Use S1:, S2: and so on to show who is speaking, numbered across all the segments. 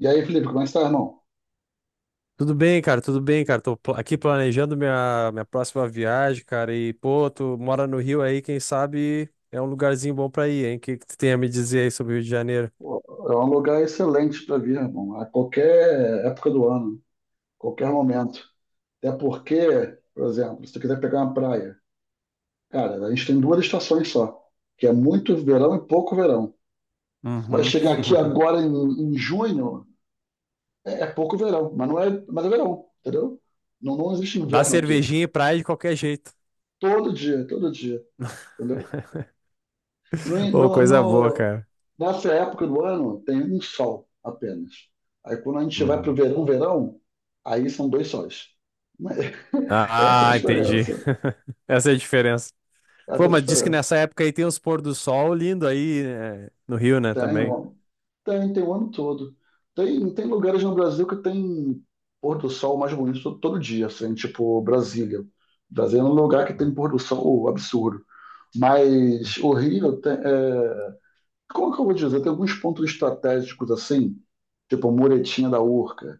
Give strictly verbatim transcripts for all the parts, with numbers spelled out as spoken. S1: E aí, Felipe, como é que está, irmão?
S2: Tudo bem, cara, tudo bem, cara. Tô pla- aqui planejando minha, minha próxima viagem, cara. E, pô, tu mora no Rio aí, quem sabe é um lugarzinho bom pra ir, hein? O que que tu tem a me dizer aí sobre o Rio de Janeiro?
S1: Pô, é um lugar excelente para vir, irmão, a qualquer época do ano, qualquer momento. Até porque, por exemplo, se tu quiser pegar uma praia, cara, a gente tem duas estações só, que é muito verão e pouco verão. Vai
S2: Uhum.
S1: chegar aqui agora em, em junho, é, é pouco verão, mas não é, mas é verão, entendeu? Não, não existe
S2: Dá
S1: inverno aqui.
S2: cervejinha e praia de qualquer jeito.
S1: Todo dia, todo dia, entendeu? No,
S2: Ô,
S1: no,
S2: coisa boa,
S1: no-
S2: cara.
S1: Nessa época do ano tem um sol apenas. Aí quando a gente vai para o
S2: Uhum.
S1: verão, verão, aí são dois sóis. Mas essa é a
S2: Ah, entendi.
S1: diferença.
S2: Essa é a diferença.
S1: Essa
S2: Pô,
S1: é a
S2: mas diz que
S1: diferença.
S2: nessa época aí tem uns pôr do sol lindo aí, né, no Rio, né,
S1: Tem,
S2: também.
S1: ó, tem, tem o ano todo. Tem, tem lugares no Brasil que tem pôr do sol mais bonito todo, todo dia, assim, tipo Brasília. Brasília é um lugar que tem pôr do sol absurdo. Mas o Rio tem, é, como que eu vou dizer? Tem alguns pontos estratégicos assim, tipo a muretinha da Urca,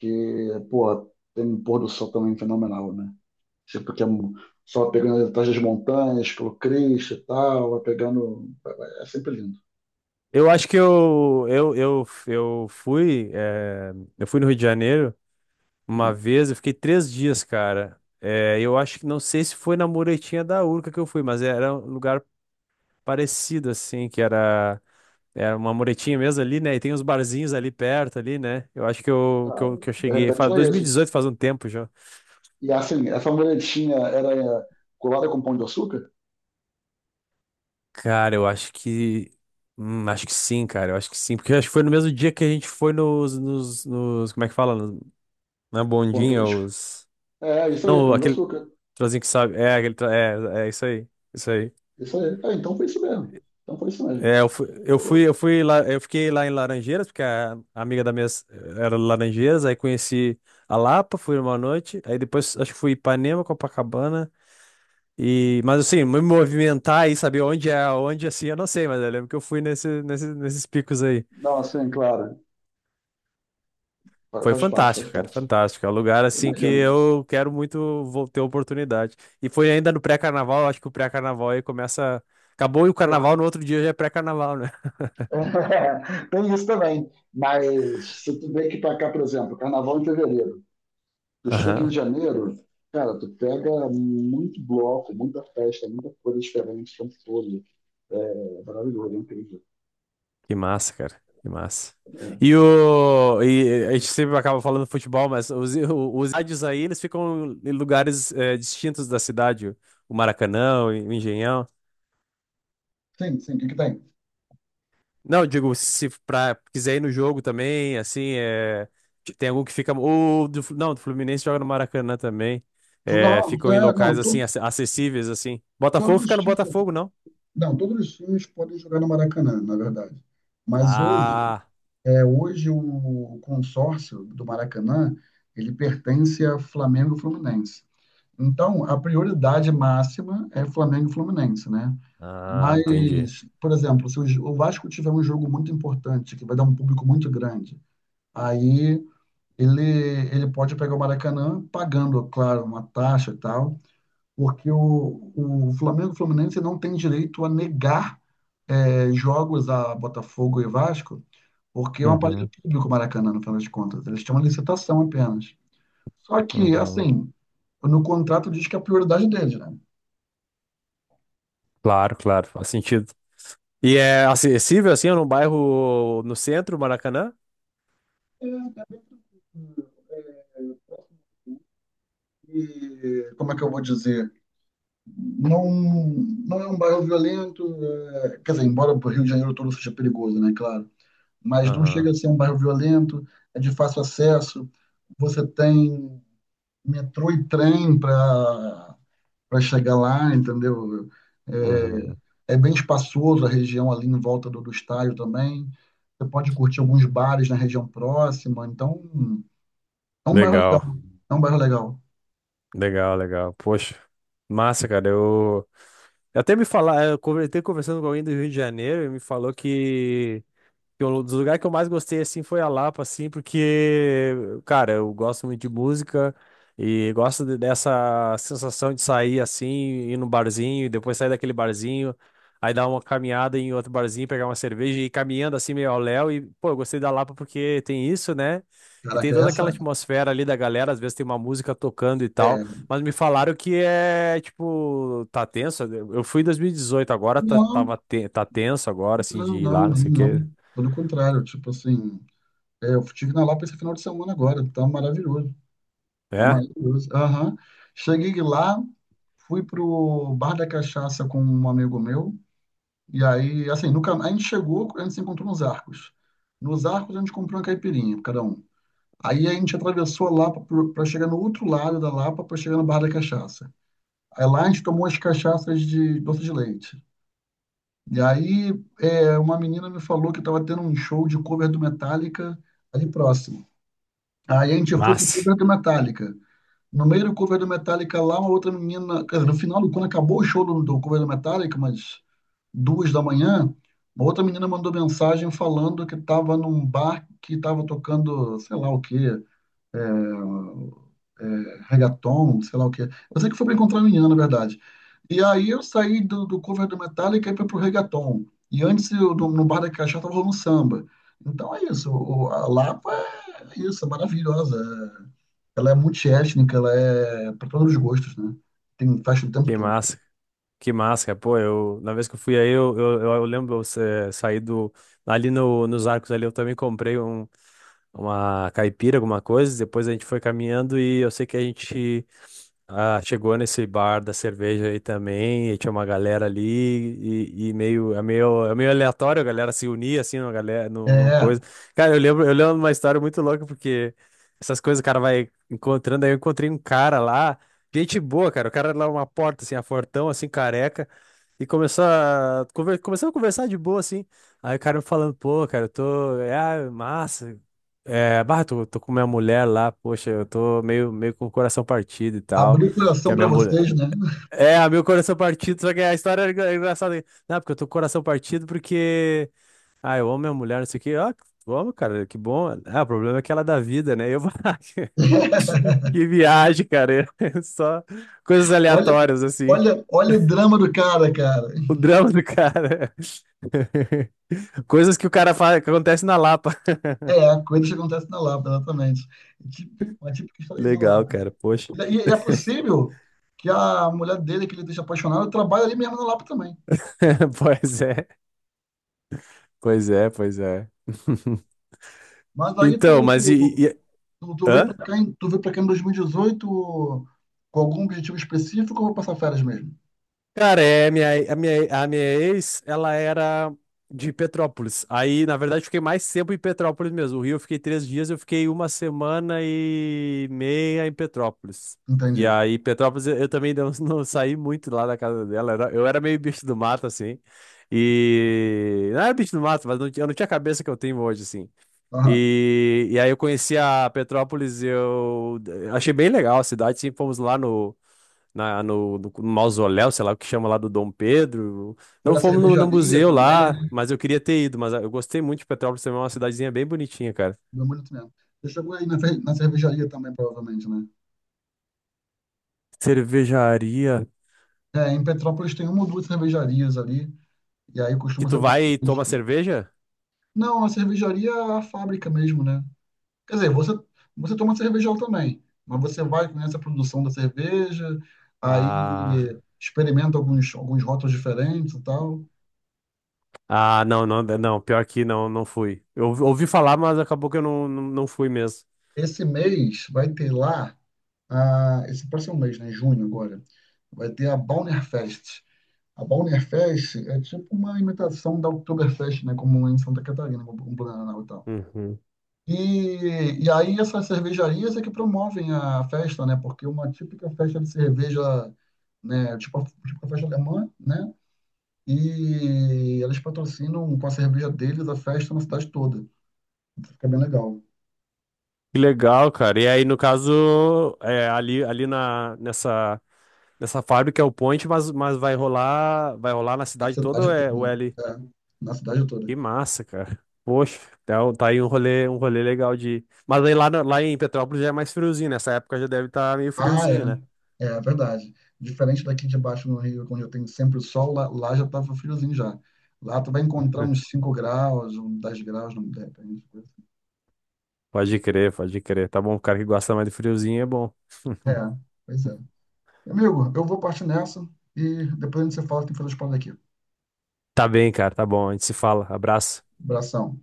S1: que, pô, tem um pôr do sol também fenomenal, né? Tipo, que é um- só pegando atrás das montanhas, pelo Cristo e tal, vai pegando. É sempre lindo.
S2: Eu acho que eu, eu, eu, eu fui, eh, eu fui no Rio de Janeiro uma
S1: Hum.
S2: vez, eu fiquei três dias, cara. Eh, eu acho que não sei se foi na muretinha da Urca que eu fui, mas era um lugar parecido, assim, que era, era uma muretinha mesmo ali, né? E tem uns barzinhos ali perto, ali, né? Eu acho que eu, que
S1: Ah,
S2: eu, que eu
S1: de
S2: cheguei. Faz
S1: repente é
S2: dois mil e dezoito,
S1: isso.
S2: faz um tempo já.
S1: E assim, essa muretinha era, é, colada com Pão de Açúcar?
S2: Cara, eu acho que hum, acho que sim, cara. Eu acho que sim. Porque eu acho que foi no mesmo dia que a gente foi nos, nos, nos- como é que fala? Nos- Na
S1: Pão
S2: bondinha,
S1: turístico.
S2: os.
S1: É, isso aí,
S2: Não,
S1: pão de
S2: aquele
S1: açúcar.
S2: trozinho que sabe. É, aquele tra- é, é isso aí. Isso aí.
S1: Isso aí. É, então foi isso mesmo. Então foi isso mesmo.
S2: É, eu fui, eu fui,
S1: Pô,
S2: eu fui lá, eu fiquei lá em Laranjeiras, porque a amiga da minha s- era de Laranjeiras, aí conheci a Lapa, fui uma noite, aí depois acho que fui Ipanema, Copacabana, e, mas assim, me movimentar e saber onde é, onde assim, eu não sei, mas eu lembro que eu fui nesse, nesse, nesses picos aí.
S1: não, assim, claro, fa-
S2: Foi
S1: faz parte, faz
S2: fantástico, cara,
S1: parte.
S2: fantástico. É um lugar assim que
S1: Imagino.
S2: eu quero muito vou ter oportunidade. E foi ainda no pré-carnaval, acho que o pré-carnaval aí começa. Acabou e o
S1: Pô,
S2: carnaval, no outro dia já é pré-carnaval, né?
S1: tem isso também. Mas se tu vê que pra cá, por exemplo, carnaval em fevereiro, tu chega
S2: Aham.
S1: em janeiro, cara, tu pega muito bloco, muita festa, muita coisa diferente o tempo todo. É maravilhoso, é incrível.
S2: Que massa, cara, que massa.
S1: É.
S2: E o. E a gente sempre acaba falando futebol, mas os, os estádios aí, eles ficam em lugares eh, distintos da cidade. O Maracanã, o Engenhão.
S1: Sim, sim, o que que tem?
S2: Não, digo, se pra, quiser ir no jogo também, assim, é, tem algum que fica. O, do, Flu- não, do Fluminense joga no Maracanã também. É,
S1: Não,
S2: ficam em
S1: é,
S2: locais,
S1: não, to-
S2: assim, ac- acessíveis, assim.
S1: todos
S2: Botafogo
S1: os
S2: fica no
S1: times,
S2: Botafogo, não?
S1: não, todos os times podem jogar no Maracanã, na verdade. Mas hoje,
S2: Ah,
S1: é, hoje o consórcio do Maracanã, ele pertence a Flamengo e Fluminense. Então, a prioridade máxima é Flamengo e Fluminense, né?
S2: ah, entendi.
S1: Mas, por exemplo, se o Ju- o Vasco tiver um jogo muito importante, que vai dar um público muito grande, aí ele, ele, pode pegar o Maracanã pagando, claro, uma taxa e tal, porque o, o Flamengo e o Fluminense não tem direito a negar eh, jogos a Botafogo e Vasco, porque é um aparelho
S2: Uhum,
S1: público o Maracanã, no final das contas. Eles têm uma licitação apenas. Só que,
S2: uhum.
S1: assim, no contrato diz que é a prioridade deles, né?
S2: Claro, claro, faz sentido. E é acessível, assim, num bairro no centro, Maracanã?
S1: É, e, como é que eu vou dizer? Não, não é um bairro violento, é, quer dizer, embora o Rio de Janeiro todo seja perigoso, né, claro, mas não
S2: Aham,
S1: chega a ser um bairro violento, é de fácil acesso, você tem metrô e trem para para chegar lá, entendeu?
S2: uhum.
S1: É, é bem espaçoso a região ali em volta do, do estádio também, você pode curtir alguns bares na região próxima, então é um bairro legal,
S2: Legal,
S1: é um bairro legal.
S2: legal, legal. Poxa, massa, cara, eu. Eu até me falar, eu conver- até conversando com alguém do Rio de Janeiro, ele me falou que que eu- dos lugares que eu mais gostei, assim, foi a Lapa, assim, porque, cara, eu gosto muito de música e gosto de- dessa sensação de sair, assim, ir num barzinho e depois sair daquele barzinho, aí dar uma caminhada em outro barzinho, pegar uma cerveja e ir caminhando, assim, meio ao léu. E, pô, eu gostei da Lapa porque tem isso, né? E tem
S1: Caraca,
S2: toda aquela
S1: essa
S2: atmosfera ali da galera, às vezes tem uma música tocando e tal,
S1: é.
S2: mas me falaram que é, tipo, tá tenso. Eu fui em dois mil e dezoito, agora tá,
S1: Não,
S2: tava, te- tá tenso agora, assim, de
S1: não,
S2: ir
S1: não,
S2: lá, não
S1: nem
S2: sei o
S1: não.
S2: quê.
S1: Pelo contrário, tipo assim, é, eu estive na Lapa esse final de semana agora, tá maravilhoso. Tá
S2: É?
S1: maravilhoso. Aham. Cheguei lá, fui pro Bar da Cachaça com um amigo meu, e aí, assim, no, cam- a gente chegou, a gente se encontrou nos Arcos. Nos Arcos a gente comprou uma caipirinha, cada um. Aí a gente atravessou a Lapa pro- pra chegar no outro lado da Lapa, pra chegar no Bar da Cachaça. Aí lá a gente tomou as cachaças de doce de leite. E aí, é, uma menina me falou que estava tendo um show de cover do Metallica ali próximo. Aí a gente foi pro
S2: Massa.
S1: cover do Metallica. No meio do cover do Metallica lá, uma outra menina, quer dizer, no final, quando acabou o show do, do cover do Metallica, mas duas da manhã, uma outra menina mandou mensagem falando que estava num bar que estava tocando, sei lá o quê, é, é, reggaeton, sei lá o que. Eu sei que foi pra encontrar a menina, na verdade. E aí eu saí do, do, cover do Metallica e fui pro reggaeton. E antes, eu, no, no Bar da Cachaça, tava rolando samba. Então é isso, o- a Lapa é isso, é maravilhosa. Ela é multiétnica, ela é para todos os gostos, né? Tem festa o tempo
S2: Que
S1: todo.
S2: massa. Que massa, cara. Pô, eu, na vez que eu fui aí, eu, eu, eu eu lembro, eu sa- saí do, ali no, nos Arcos ali, eu também comprei um, uma caipira, alguma coisa, depois a gente foi caminhando e eu sei que a gente Ah, chegou nesse bar da cerveja aí também, e tinha uma galera ali, e, e meio, é meio, é meio aleatório a galera se unir, assim, uma galera, num, num
S1: É,
S2: coisa. Cara, eu lembro, eu lembro de uma história muito louca, porque essas coisas o cara vai encontrando, aí eu encontrei um cara lá, gente boa, cara, o cara lá uma porta, assim, a fortão, assim, careca, e começou a, conver, começamos a conversar de boa, assim, aí o cara me falando, pô, cara, eu tô, é, ah, massa, é, bah, tô, tô com minha mulher lá, poxa, eu tô meio, meio com o coração partido e tal.
S1: abrir o
S2: Que
S1: coração
S2: a
S1: para
S2: minha mulher.
S1: vocês, né?
S2: É, a meu coração partido, só que a história é engra- é engraçada. Não, porque eu tô com o coração partido porque. Ah, eu amo minha mulher, não sei o quê. Ah, vamos, cara, que bom. Ah, o problema é que ela dá vida, né? Eu vou. Que viagem, cara. Só coisas
S1: Olha,
S2: aleatórias, assim.
S1: olha, olha o drama do cara, cara.
S2: O drama do cara. Coisas que o cara faz, que acontece na Lapa.
S1: É, coisas que acontecem na Lapa, exatamente. Tipo- uma típica história da
S2: Legal,
S1: Lapa.
S2: cara, poxa.
S1: E, e é possível que a mulher dele, que ele deixa apaixonado, trabalhe ali mesmo na Lapa também.
S2: Pois é, pois é, pois é.
S1: Mas aí
S2: Então,
S1: tu,
S2: mas e.
S1: tu,
S2: E... e-
S1: tu, tu veio para
S2: Hã?
S1: cá, em- tu veio para cá em dois mil e dezoito com algum objetivo específico ou vou passar férias mesmo?
S2: Cara, é, minha, a minha, a minha ex, ela era de Petrópolis. Aí, na verdade, eu fiquei mais tempo em Petrópolis mesmo. O Rio eu fiquei três dias, eu fiquei uma semana e meia em Petrópolis. E
S1: Entendi.
S2: aí, Petrópolis, eu, eu também não, não saí muito lá da casa dela. Era- eu era meio bicho do mato, assim. E. Não era bicho do mato, mas não tinha- eu não tinha a cabeça que eu tenho hoje, assim.
S1: Aham.
S2: E, e aí, eu conheci a Petrópolis, eu achei bem legal a cidade, sim, fomos lá no na, no, no mausoléu, sei lá o que chama lá do Dom Pedro.
S1: Foi
S2: Não
S1: na
S2: fomos no, No
S1: cervejaria
S2: museu
S1: também,
S2: lá,
S1: né?
S2: mas eu queria ter ido, mas ah, eu gostei muito de Petrópolis também, é uma cidadezinha bem bonitinha, cara.
S1: Deu muito mesmo. Você chegou aí na, fer- na cervejaria também, provavelmente, né?
S2: Cervejaria.
S1: É, em Petrópolis tem uma ou duas cervejarias ali, e aí
S2: Que
S1: costuma
S2: tu
S1: ser ponto
S2: vai e toma
S1: turístico.
S2: cerveja?
S1: Não, a cervejaria é a fábrica mesmo, né? Quer dizer, você, você, toma cervejão também, mas você vai, conhece a produção da cerveja,
S2: Ah,
S1: aí experimenta alguns, alguns rótulos diferentes e tal.
S2: ah, não, não, não, pior que não, não fui. Eu ouvi ouvi falar, mas acabou que eu não, não, não fui mesmo.
S1: Esse mês vai ter lá, ah, esse próximo mês, né, junho agora, vai ter a Bauernfest. A Bauernfest é tipo uma imitação da Oktoberfest, né, como em Santa Catarina, como em Blumenau e tal.
S2: Uhum.
S1: E, e aí essas cervejarias é que promovem a festa, né? Porque uma típica festa de cerveja, né? Tipo a, tipo a festa alemã, né? E eles patrocinam com a cerveja deles a festa na cidade toda. Então fica bem legal.
S2: Que legal, cara. E aí, no caso, é, ali, ali na, nessa nessa fábrica é o Point, mas, mas vai rolar, vai rolar na
S1: Na
S2: cidade toda
S1: cidade
S2: ou é o
S1: toda.
S2: L?
S1: É, na cidade toda.
S2: Que massa, cara. Poxa, então tá aí um rolê, um rolê legal de. Mas aí lá, no- lá em Petrópolis já é mais friozinho, nessa época já deve estar meio
S1: Ah, é.
S2: friozinho, né?
S1: É é verdade. Diferente daqui de baixo no Rio, onde eu tenho sempre o sol, lá, lá já tava friozinho já. Lá tu vai encontrar uns cinco graus, uns dez graus, não, de repente.
S2: Pode crer, pode crer. Tá bom, o cara que gosta mais de friozinho é bom.
S1: É, pois é. Amigo, eu vou partir nessa e depois a gente se fala, tem que fazer os planos aqui.
S2: Tá bem, cara, tá bom. A gente se fala. Abraço.
S1: Abração.